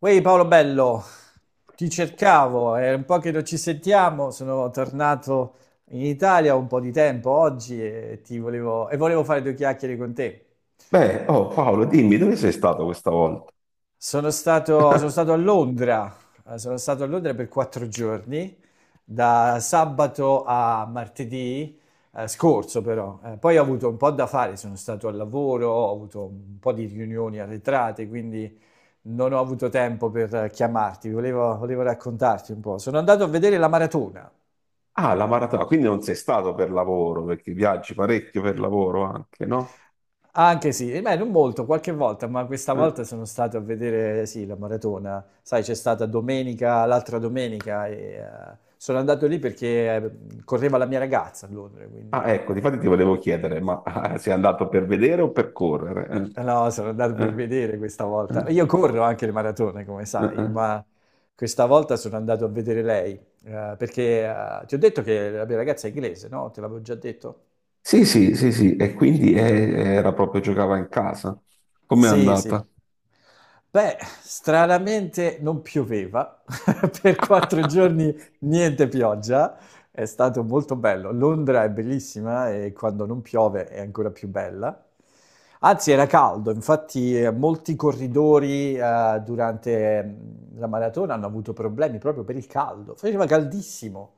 Uè Paolo Bello, ti cercavo, è un po' che non ci sentiamo, sono tornato in Italia un po' di tempo oggi e volevo fare due chiacchiere con te. Beh, oh Paolo, dimmi dove sei stato questa volta? Sono stato, sono stato a Londra. Sono stato a Londra per 4 giorni, da sabato a martedì scorso però. Poi ho avuto un po' da fare, sono stato al lavoro, ho avuto un po' di riunioni arretrate, quindi non ho avuto tempo per chiamarti, volevo raccontarti un po'. Sono andato a vedere la maratona. Ah, la maratona, quindi non sei stato per lavoro, perché viaggi parecchio per lavoro anche, no? Anche sì, e beh, non molto, qualche volta, ma questa Eh? volta sono stato a vedere, sì, la maratona. Sai, c'è stata domenica, l'altra domenica, e sono andato lì perché correva la mia ragazza a Londra, quindi Ah, ecco, difatti ti volevo chiedere, ma sei andato per vedere o per correre? No, sono andato Eh? per vedere questa Eh? volta. Eh? Io corro anche le maratone, come Eh? sai, Eh? ma questa volta sono andato a vedere lei, perché ti ho detto che la mia ragazza è inglese, no? Te l'avevo già detto. Sì, sì, sì, sì, e quindi era proprio giocava in casa. Com'è Sì, andata? sì. Beh, stranamente non pioveva, per 4 giorni niente pioggia, è stato molto bello. Londra è bellissima e quando non piove è ancora più bella. Anzi, era caldo, infatti molti corridori durante la maratona hanno avuto problemi proprio per il caldo, faceva caldissimo.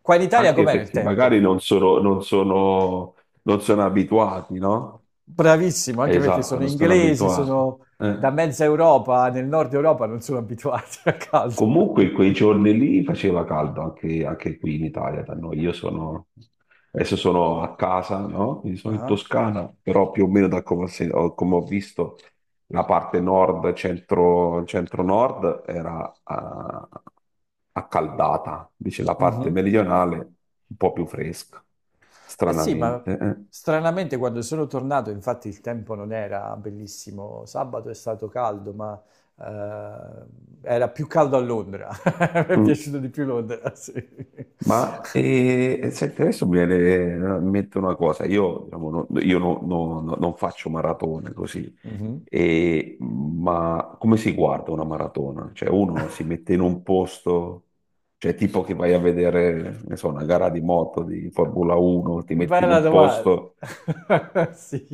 Qua in Italia Anche com'era il perché magari tempo? non sono abituati, no? Bravissimo, anche perché Esatto, sono non sono inglesi, abituati. sono da Eh. mezza Europa, nel nord Europa non sono abituati al caldo. Sì. Comunque quei giorni lì faceva caldo anche qui in Italia, da noi. Adesso sono a casa, no? Quindi sono in Ah. Toscana, però più o meno da come come ho visto la parte nord, centro, nord era accaldata, invece la parte Mhm. meridionale un po' più fresca, Eh sì, ma stranamente. Eh. stranamente quando sono tornato, infatti il tempo non era bellissimo, sabato è stato caldo, ma eh, era più caldo a Londra, mi è Mm. piaciuto di più Londra, sì. Ma senti, adesso mi viene in mente una cosa, io, diciamo, no- io no- no- no- non faccio maratone così. Mhm. Ma come si guarda una maratona? Cioè uno si mette in un posto, cioè tipo che vai a vedere, ne so, una gara di moto, di Formula 1, ti metti in Bella un domanda, posto sì,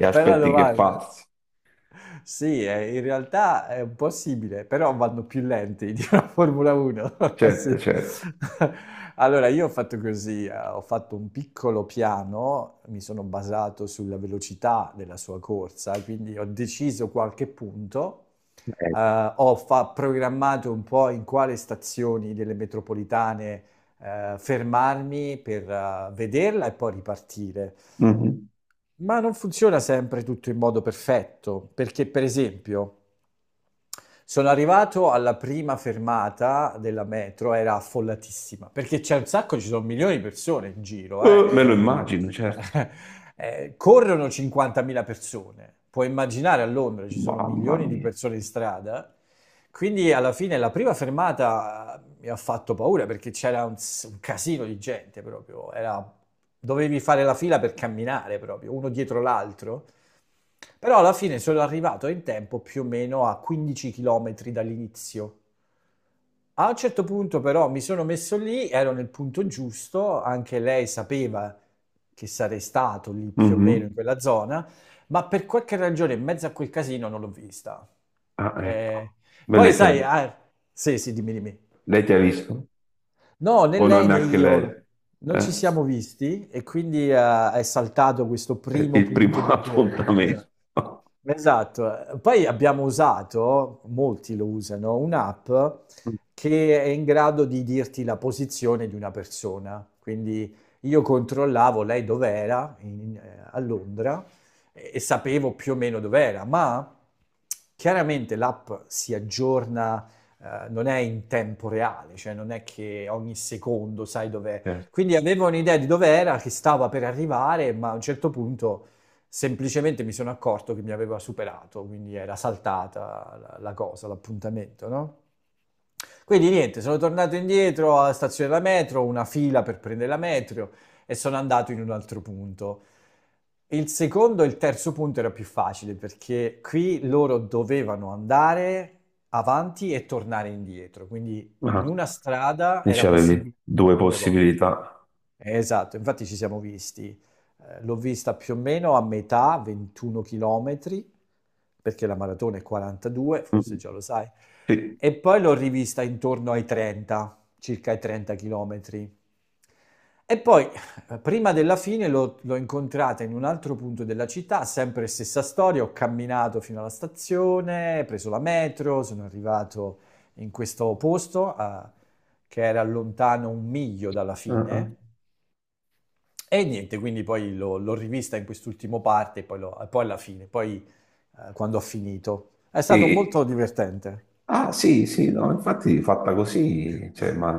e bella aspetti che domanda. passi. Sì, in realtà è un po' simile, però vanno più lenti di una Formula 1. Certo, Sì. certo. Allora, io ho fatto così, ho fatto un piccolo piano, mi sono basato sulla velocità della sua corsa, quindi ho deciso qualche punto, Ecco. Programmato un po' in quale stazioni delle metropolitane fermarmi per vederla e poi ripartire. Mhm. Ma non funziona sempre tutto in modo perfetto, perché per esempio sono arrivato alla prima fermata della metro, era affollatissima, perché c'è un sacco, ci sono milioni di persone in giro, Me lo immagino, certo. Corrono 50.000 persone, puoi immaginare a Londra ci sono Mamma milioni di mia. persone in strada, quindi alla fine la prima fermata mi ha fatto paura perché c'era un casino di gente proprio, era, dovevi fare la fila per camminare proprio, uno dietro l'altro, però alla fine sono arrivato in tempo più o meno a 15 km dall'inizio. A un certo punto però mi sono messo lì, ero nel punto giusto, anche lei sapeva che sarei stato lì più o Mhm. meno in quella zona, ma per qualche ragione in mezzo a quel casino non l'ho vista. Ah, Eh, ecco. Beh, Poi lei ti ha, sai. Ah, sì, sì, dimmi, dimmi. lei ti ha visto? No, né O lei non né anche lei? io non Eh? ci siamo visti e quindi è saltato questo È primo il punto primo di incontro. appuntamento. Esatto, poi abbiamo usato, molti lo usano, un'app che è in grado di dirti la posizione di una persona. Quindi io controllavo lei dov'era a Londra e, sapevo più o meno dov'era, ma chiaramente l'app si aggiorna, non è in tempo reale, cioè non è che ogni secondo sai dov'è. Eh, Quindi avevo un'idea di dov'era, che stava per arrivare, ma a un certo punto. Semplicemente mi sono accorto che mi aveva superato, quindi era saltata la cosa, l'appuntamento, no? Quindi niente, sono tornato indietro alla stazione della metro, una fila per prendere la metro e sono andato in un altro punto. Il secondo e il terzo punto era più facile perché qui loro dovevano andare avanti e tornare indietro, quindi in ah, una strada era Dice avevi possibile due due volte. possibilità. Esatto, infatti ci siamo visti. L'ho vista più o meno a metà, 21 chilometri, perché la maratona è 42, forse Mm. già lo sai, Sì. e poi l'ho rivista intorno ai 30, circa ai 30 chilometri. E poi, prima della fine, l'ho incontrata in un altro punto della città, sempre stessa storia, ho camminato fino alla stazione, preso la metro, sono arrivato in questo posto, che era lontano un miglio dalla Ah, ah. fine e niente, quindi poi l'ho rivista in quest'ultimo parte, e poi, poi alla fine, poi quando ho finito. È stato E molto divertente. Ah, sì, sì, no, infatti fatta così, cioè, ma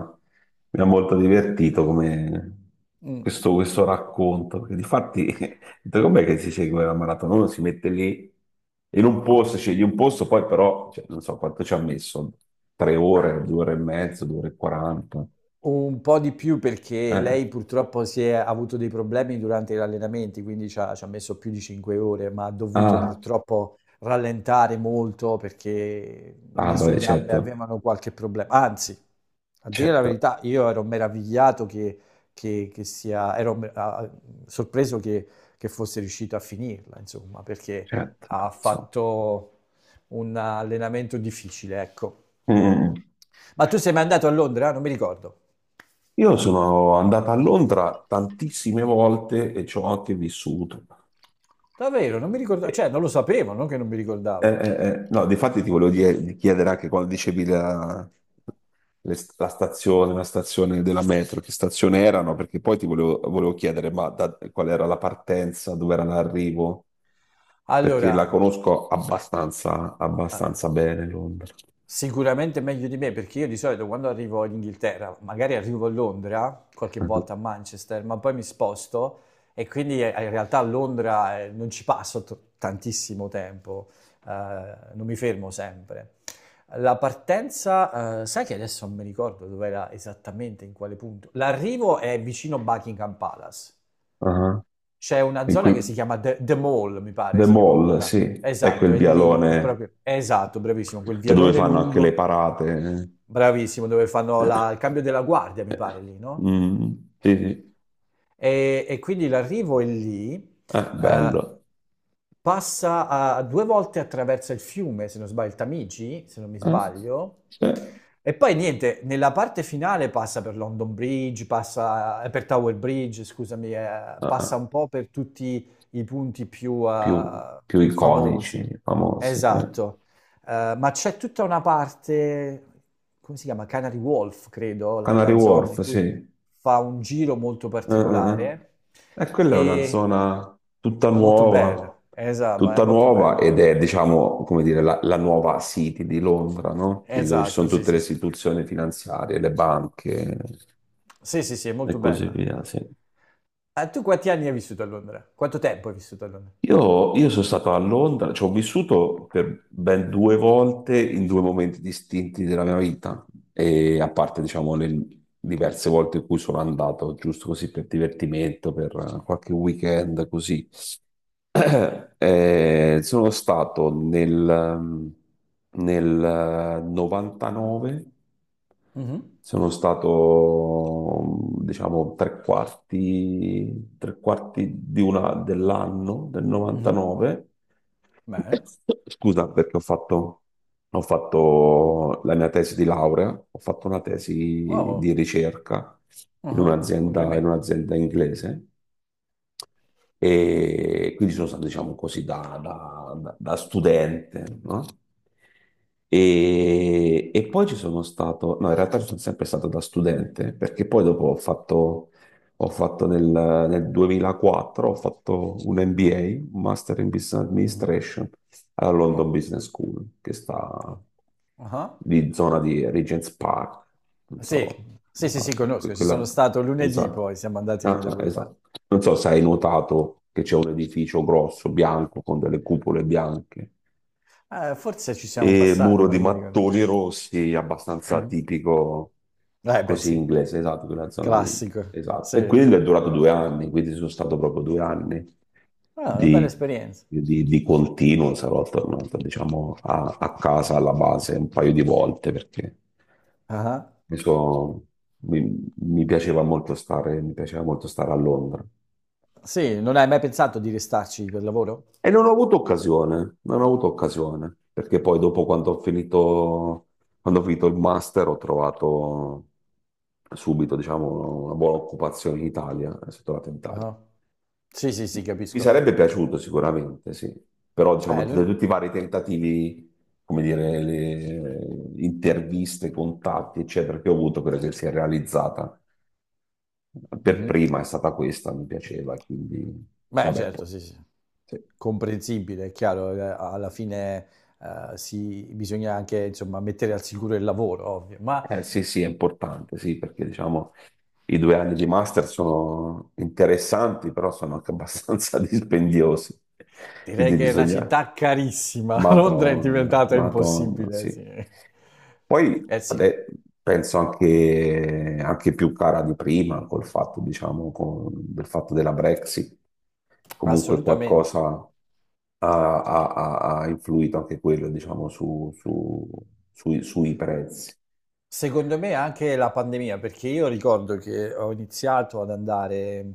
mi ha molto divertito come Mm. questo racconto, perché difatti, ho detto, com'è che si segue la maratona? Uno si mette lì in un posto, scegli un posto, poi però, cioè, non so quanto ci ha messo, 3 ore, 2 ore e mezzo, 2 ore e 40. Un po' di più perché Eh. lei purtroppo si è ha avuto dei problemi durante gli allenamenti, quindi c'ha messo più di 5 ore, ma ha dovuto Ah, purtroppo rallentare molto perché ah, le sue beh, gambe certo, avevano qualche problema. Anzi, a dire la certo, verità, io ero meravigliato che sia, ero me- ah, sorpreso che fosse riuscito a finirla, insomma, perché certo, ha insomma. fatto un allenamento difficile, ecco. Mm. Mm, mm. Ma tu sei mai andato a Londra? Non mi ricordo. Io sono andato a Londra tantissime volte e ci ho anche vissuto. Davvero, non mi ricordavo, cioè Eh, non lo sapevo, non che non mi eh, ricordavo. eh, eh, no, difatti ti volevo di chiedere anche quando dicevi la, le st- la stazione della metro, che stazione erano, perché poi ti volevo chiedere ma qual era la partenza, dove era l'arrivo, perché la Allora, conosco abbastanza ah, bene Londra. sicuramente meglio di me, perché io di solito quando arrivo in Inghilterra, magari arrivo a Londra, qualche Ah, volta a Manchester, ma poi mi sposto e quindi in realtà a Londra non ci passo tantissimo tempo, eh, non mi fermo sempre. La partenza, sai che adesso non mi ricordo dove era esattamente, in quale punto. L'arrivo è vicino Buckingham Palace. ah. C'è una In zona cui- che si chiama The Mall, mi pare, The si chiama Mall, quella. sì, è Esatto, quel è lì, è vialone. proprio, esatto, bravissimo, quel Cioè, dove vialone fanno anche le lungo, parate. bravissimo, dove fanno Eh, il cambio della guardia, mi eh, pare, lì, no? mm, sì, sì. E quindi l'arrivo è lì, eh, Bello. Due volte attraversa il fiume, se non sbaglio, il Tamigi, se non mi Eh, sbaglio. sì. E poi niente, nella parte finale passa per London Bridge, passa per Tower Bridge, scusami, Eh. passa un po' per tutti i punti più, più, eh, più più famosi. iconici, famosi. Eh. Esatto. Ma c'è tutta una parte, come si chiama? Canary Wolf, credo, Canary quella zona Wharf, in sì. cui fa un giro molto eh, particolare eh. E quella è una e zona molto bella. Esatto, ma è tutta molto nuova bella. ed è, diciamo, come dire, la nuova City di Londra, no? Quindi dove ci sono Esatto, sì, tutte le sì, sì. istituzioni finanziarie, le banche Sì, sì, sì, è e molto così bella. via, sì. Tu quanti anni hai vissuto a Londra? Quanto tempo hai vissuto a Londra? Io sono stato a Londra, ci ho vissuto per ben due volte in due momenti distinti della mia vita, e a parte, diciamo, le diverse volte in cui sono andato, giusto così per divertimento, per qualche weekend, così. Sono stato nel 99, Mhm, sono stato diciamo tre quarti dell'anno del mhm. 99. Bene. Scusa perché ho fatto, la mia tesi di laurea, ho fatto una tesi Oh, di ricerca in mhm, un'azienda in complimenti. un'azienda inglese. E quindi sono stato, diciamo così, da studente, no? E poi ci sono stato, no, in realtà ci sono sempre stato da studente, perché poi dopo ho fatto nel, nel 2004, ho fatto un MBA, un Master in Business Mhm. Administration, alla London Oh, Business School, che sta oh, ah. di zona di Regent's Park, non Sì, so, sì, sì, sì, esatto, conosco, ci sono quella, stato lunedì esatto, poi, siamo andati ah, lì da ah, quelle parti. esatto. Non so se hai notato che c'è un edificio grosso, bianco, con delle cupole bianche. Forse ci siamo E passati, muro ma di non mi ricordo. mattoni rossi, abbastanza Mhm. tipico Eh beh, così sì, inglese, esatto, quella zona lì. classico, Esatto. E sì. quello è durato 2 anni, quindi sono stato proprio 2 anni Ah, una bella di, esperienza. di continuo. Sarò tornato, diciamo, a, a, casa, alla base, un paio di volte perché Ah, ah. mi, so- mi piaceva molto stare a Londra. Sì, non hai mai pensato di restarci per lavoro? E non ho avuto occasione, non ho avuto occasione, perché poi dopo quando ho finito il master ho trovato subito, diciamo, una buona occupazione in Italia, e sono tornato in Ah. Italia. Ah. Sì, sì, sì, Mi capisco. sarebbe piaciuto sicuramente, sì, però diciamo, Eh, tra lun- tutti i vari tentativi, come dire, le interviste, contatti, eccetera, che ho avuto, quella che si è realizzata per Mhm. prima è stata questa, mi piaceva, quindi, Beh, vabbè, poi, certo, sì, sì. sì. Comprensibile, è chiaro, alla fine bisogna anche, insomma, mettere al sicuro il lavoro, ovvio, ma. Sì, sì, è importante, sì, perché diciamo i 2 anni di master sono interessanti, però sono anche abbastanza dispendiosi. Direi Quindi che è una bisogna... città carissima. Londra è Madonna, diventata Madonna, impossibile, sì. sì. Poi Eh sì, vabbè, penso anche più cara di prima col fatto, diciamo, del fatto della Brexit. Comunque assolutamente. qualcosa ha- ha influito anche quello, diciamo, sui prezzi. Secondo me anche la pandemia, perché io ricordo che ho iniziato ad andare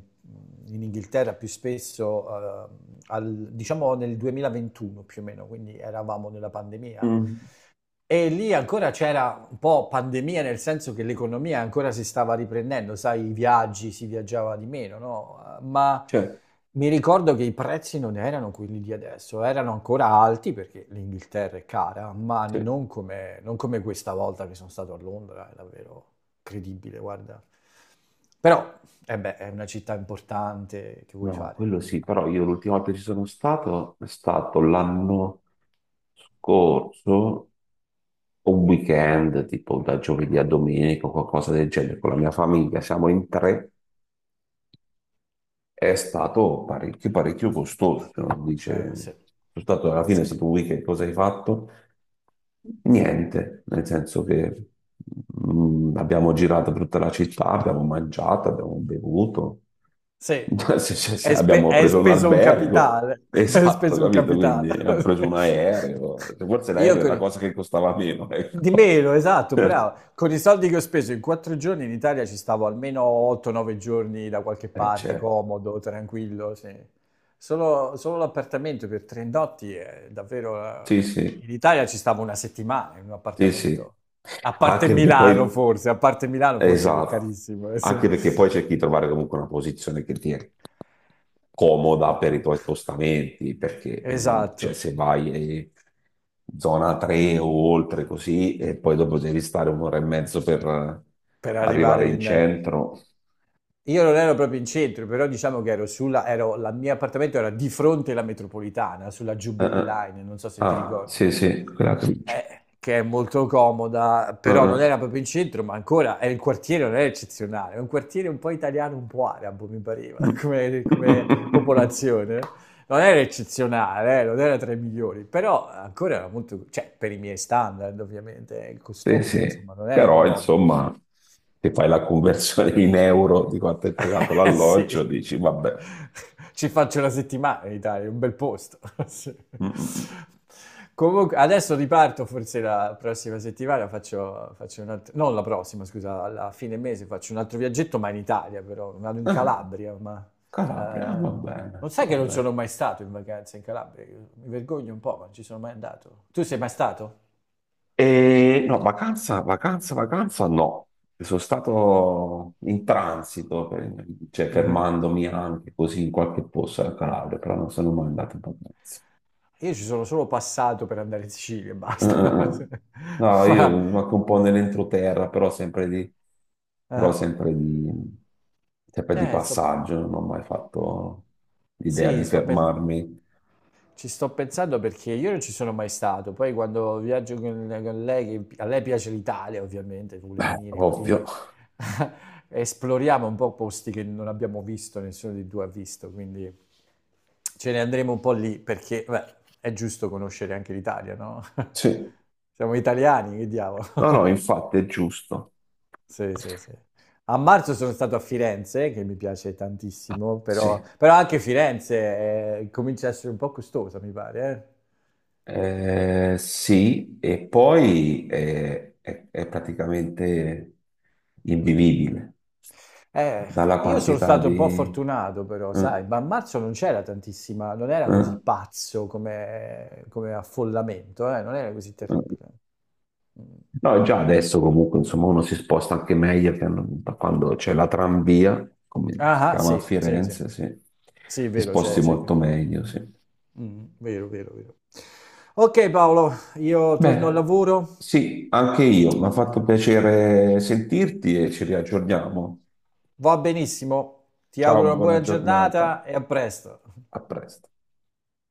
in Inghilterra più spesso, diciamo nel 2021 più o meno, quindi eravamo nella pandemia. E lì ancora c'era un po' pandemia, nel senso che l'economia ancora si stava riprendendo, sai, i viaggi, si viaggiava di meno, no? Ma Cioè, mi ricordo che i prezzi non erano quelli di adesso, erano ancora alti perché l'Inghilterra è cara, ma sì. non come questa volta che sono stato a Londra, è davvero credibile, guarda. Però, eh beh, è una città importante, che vuoi No, fare? quello sì, però io l'ultima volta che ci sono stato è stato l'anno scorso, un weekend, tipo da giovedì a domenica o qualcosa del genere, con la mia famiglia, siamo in tre, è stato parecchio, parecchio costoso. Se non dice, Sì, sono stato, alla fine è sì, stato un weekend, cosa hai fatto? Niente, nel senso che abbiamo girato per tutta la città, abbiamo mangiato, abbiamo bevuto, sì. Se- se- se Hai spe- abbiamo hai preso un speso un albergo, capitale, hai esatto, speso un capito? capitale. Quindi abbiamo preso un aereo, forse Io l'aereo è con la i- cosa che costava meno, di ecco. meno, esatto, bravo. Con i soldi che ho speso in 4 giorni in Italia ci stavo almeno 8-9 giorni da qualche parte, certo. comodo, tranquillo, sì. Solo l'appartamento per 3 notti è davvero. Sì, sì, In Italia ci stavo una settimana in un sì, sì. appartamento. A parte Anche perché Milano poi, forse, a parte Milano forse che è esatto, carissimo. Eh, sì. anche perché poi cerchi di trovare comunque una posizione che ti, comoda per i tuoi spostamenti, perché cioè, Esatto, se vai zona 3 o oltre così, e poi dopo devi stare un'ora e mezzo per per arrivare arrivare in in. centro. Io non ero proprio in centro, però diciamo che la mia appartamento era di fronte alla metropolitana, sulla Jubilee Eh. Line, non so se ti Ah, ricordi. sì, sì, quella che dici. Che è molto comoda, però Eh. non era proprio in centro, ma ancora è il quartiere non è eccezionale, è un quartiere un po' italiano, un po' arabo, mi pareva, Mm. come popolazione. Non era eccezionale, non era tra i migliori, però ancora era molto, cioè per i miei standard ovviamente, è Sì, costoso, sì. insomma, non era Però economico. insomma, se fai la conversione in euro di quanto hai pagato sì, l'alloggio, dici, vabbè. ci faccio la settimana in Italia, è un bel posto. Sì. Mm, mm, mm. Comunque, adesso riparto, forse la prossima settimana faccio, un altro, non la prossima, scusa, alla fine mese faccio un altro viaggetto, ma in Italia però, vado in Ah, Calabria, ma Calabria, ah, eh, va bene, non sai che va non sono bene. mai stato in vacanza in Calabria, io mi vergogno un po', ma non ci sono mai andato. Tu sei mai stato? E no, vacanza, vacanza, vacanza no. Sono stato in transito, cioè Mhm. fermandomi anche così in qualche posto al Calabria, però non sono mai andato in vacanza. Io ci sono solo passato per andare in Sicilia e basta. Eh. No, io Ma. anche un po' nell'entroterra, però però Ah. sempre di, sempre di Eh, sto- passaggio, non ho mai fatto l'idea sì, di fermarmi. ci sto pensando perché io non ci sono mai stato. Poi quando viaggio con lei, che a lei piace l'Italia, ovviamente, vuole Beh, venire ovvio, qui, esploriamo un po' posti che non abbiamo visto, nessuno di due ha visto, quindi ce ne andremo un po' lì perché, beh, è giusto conoscere anche l'Italia, no? sì. Siamo italiani, che diavolo. No, no, infatti è giusto, Sì, sì, sì. A marzo sono stato a Firenze, che mi piace tantissimo, però, sì. però anche Firenze comincia a essere un po' costosa, mi pare. Sì, e poi è praticamente invivibile Eh, dalla io sono quantità stato un po' di... fortunato, però, eh, sai, ma a marzo non c'era tantissima, non era così eh, pazzo come affollamento, non era così eh. terribile. Mm. No, già adesso comunque insomma uno si sposta anche meglio che da quando c'è la tranvia, come si Ah, ah, chiama a sì, sì, sì. Firenze, sì. Sì, è Ti vero, c'è, sposti c'è qui. molto meglio, sì. Mm, vero, vero, vero. Ok, Paolo, io torno al Beh, lavoro. sì, anche io, mi ha fatto piacere sentirti e ci riaggiorniamo. Va benissimo, ti Ciao, auguro una buona buona giornata, giornata e a presto. a presto.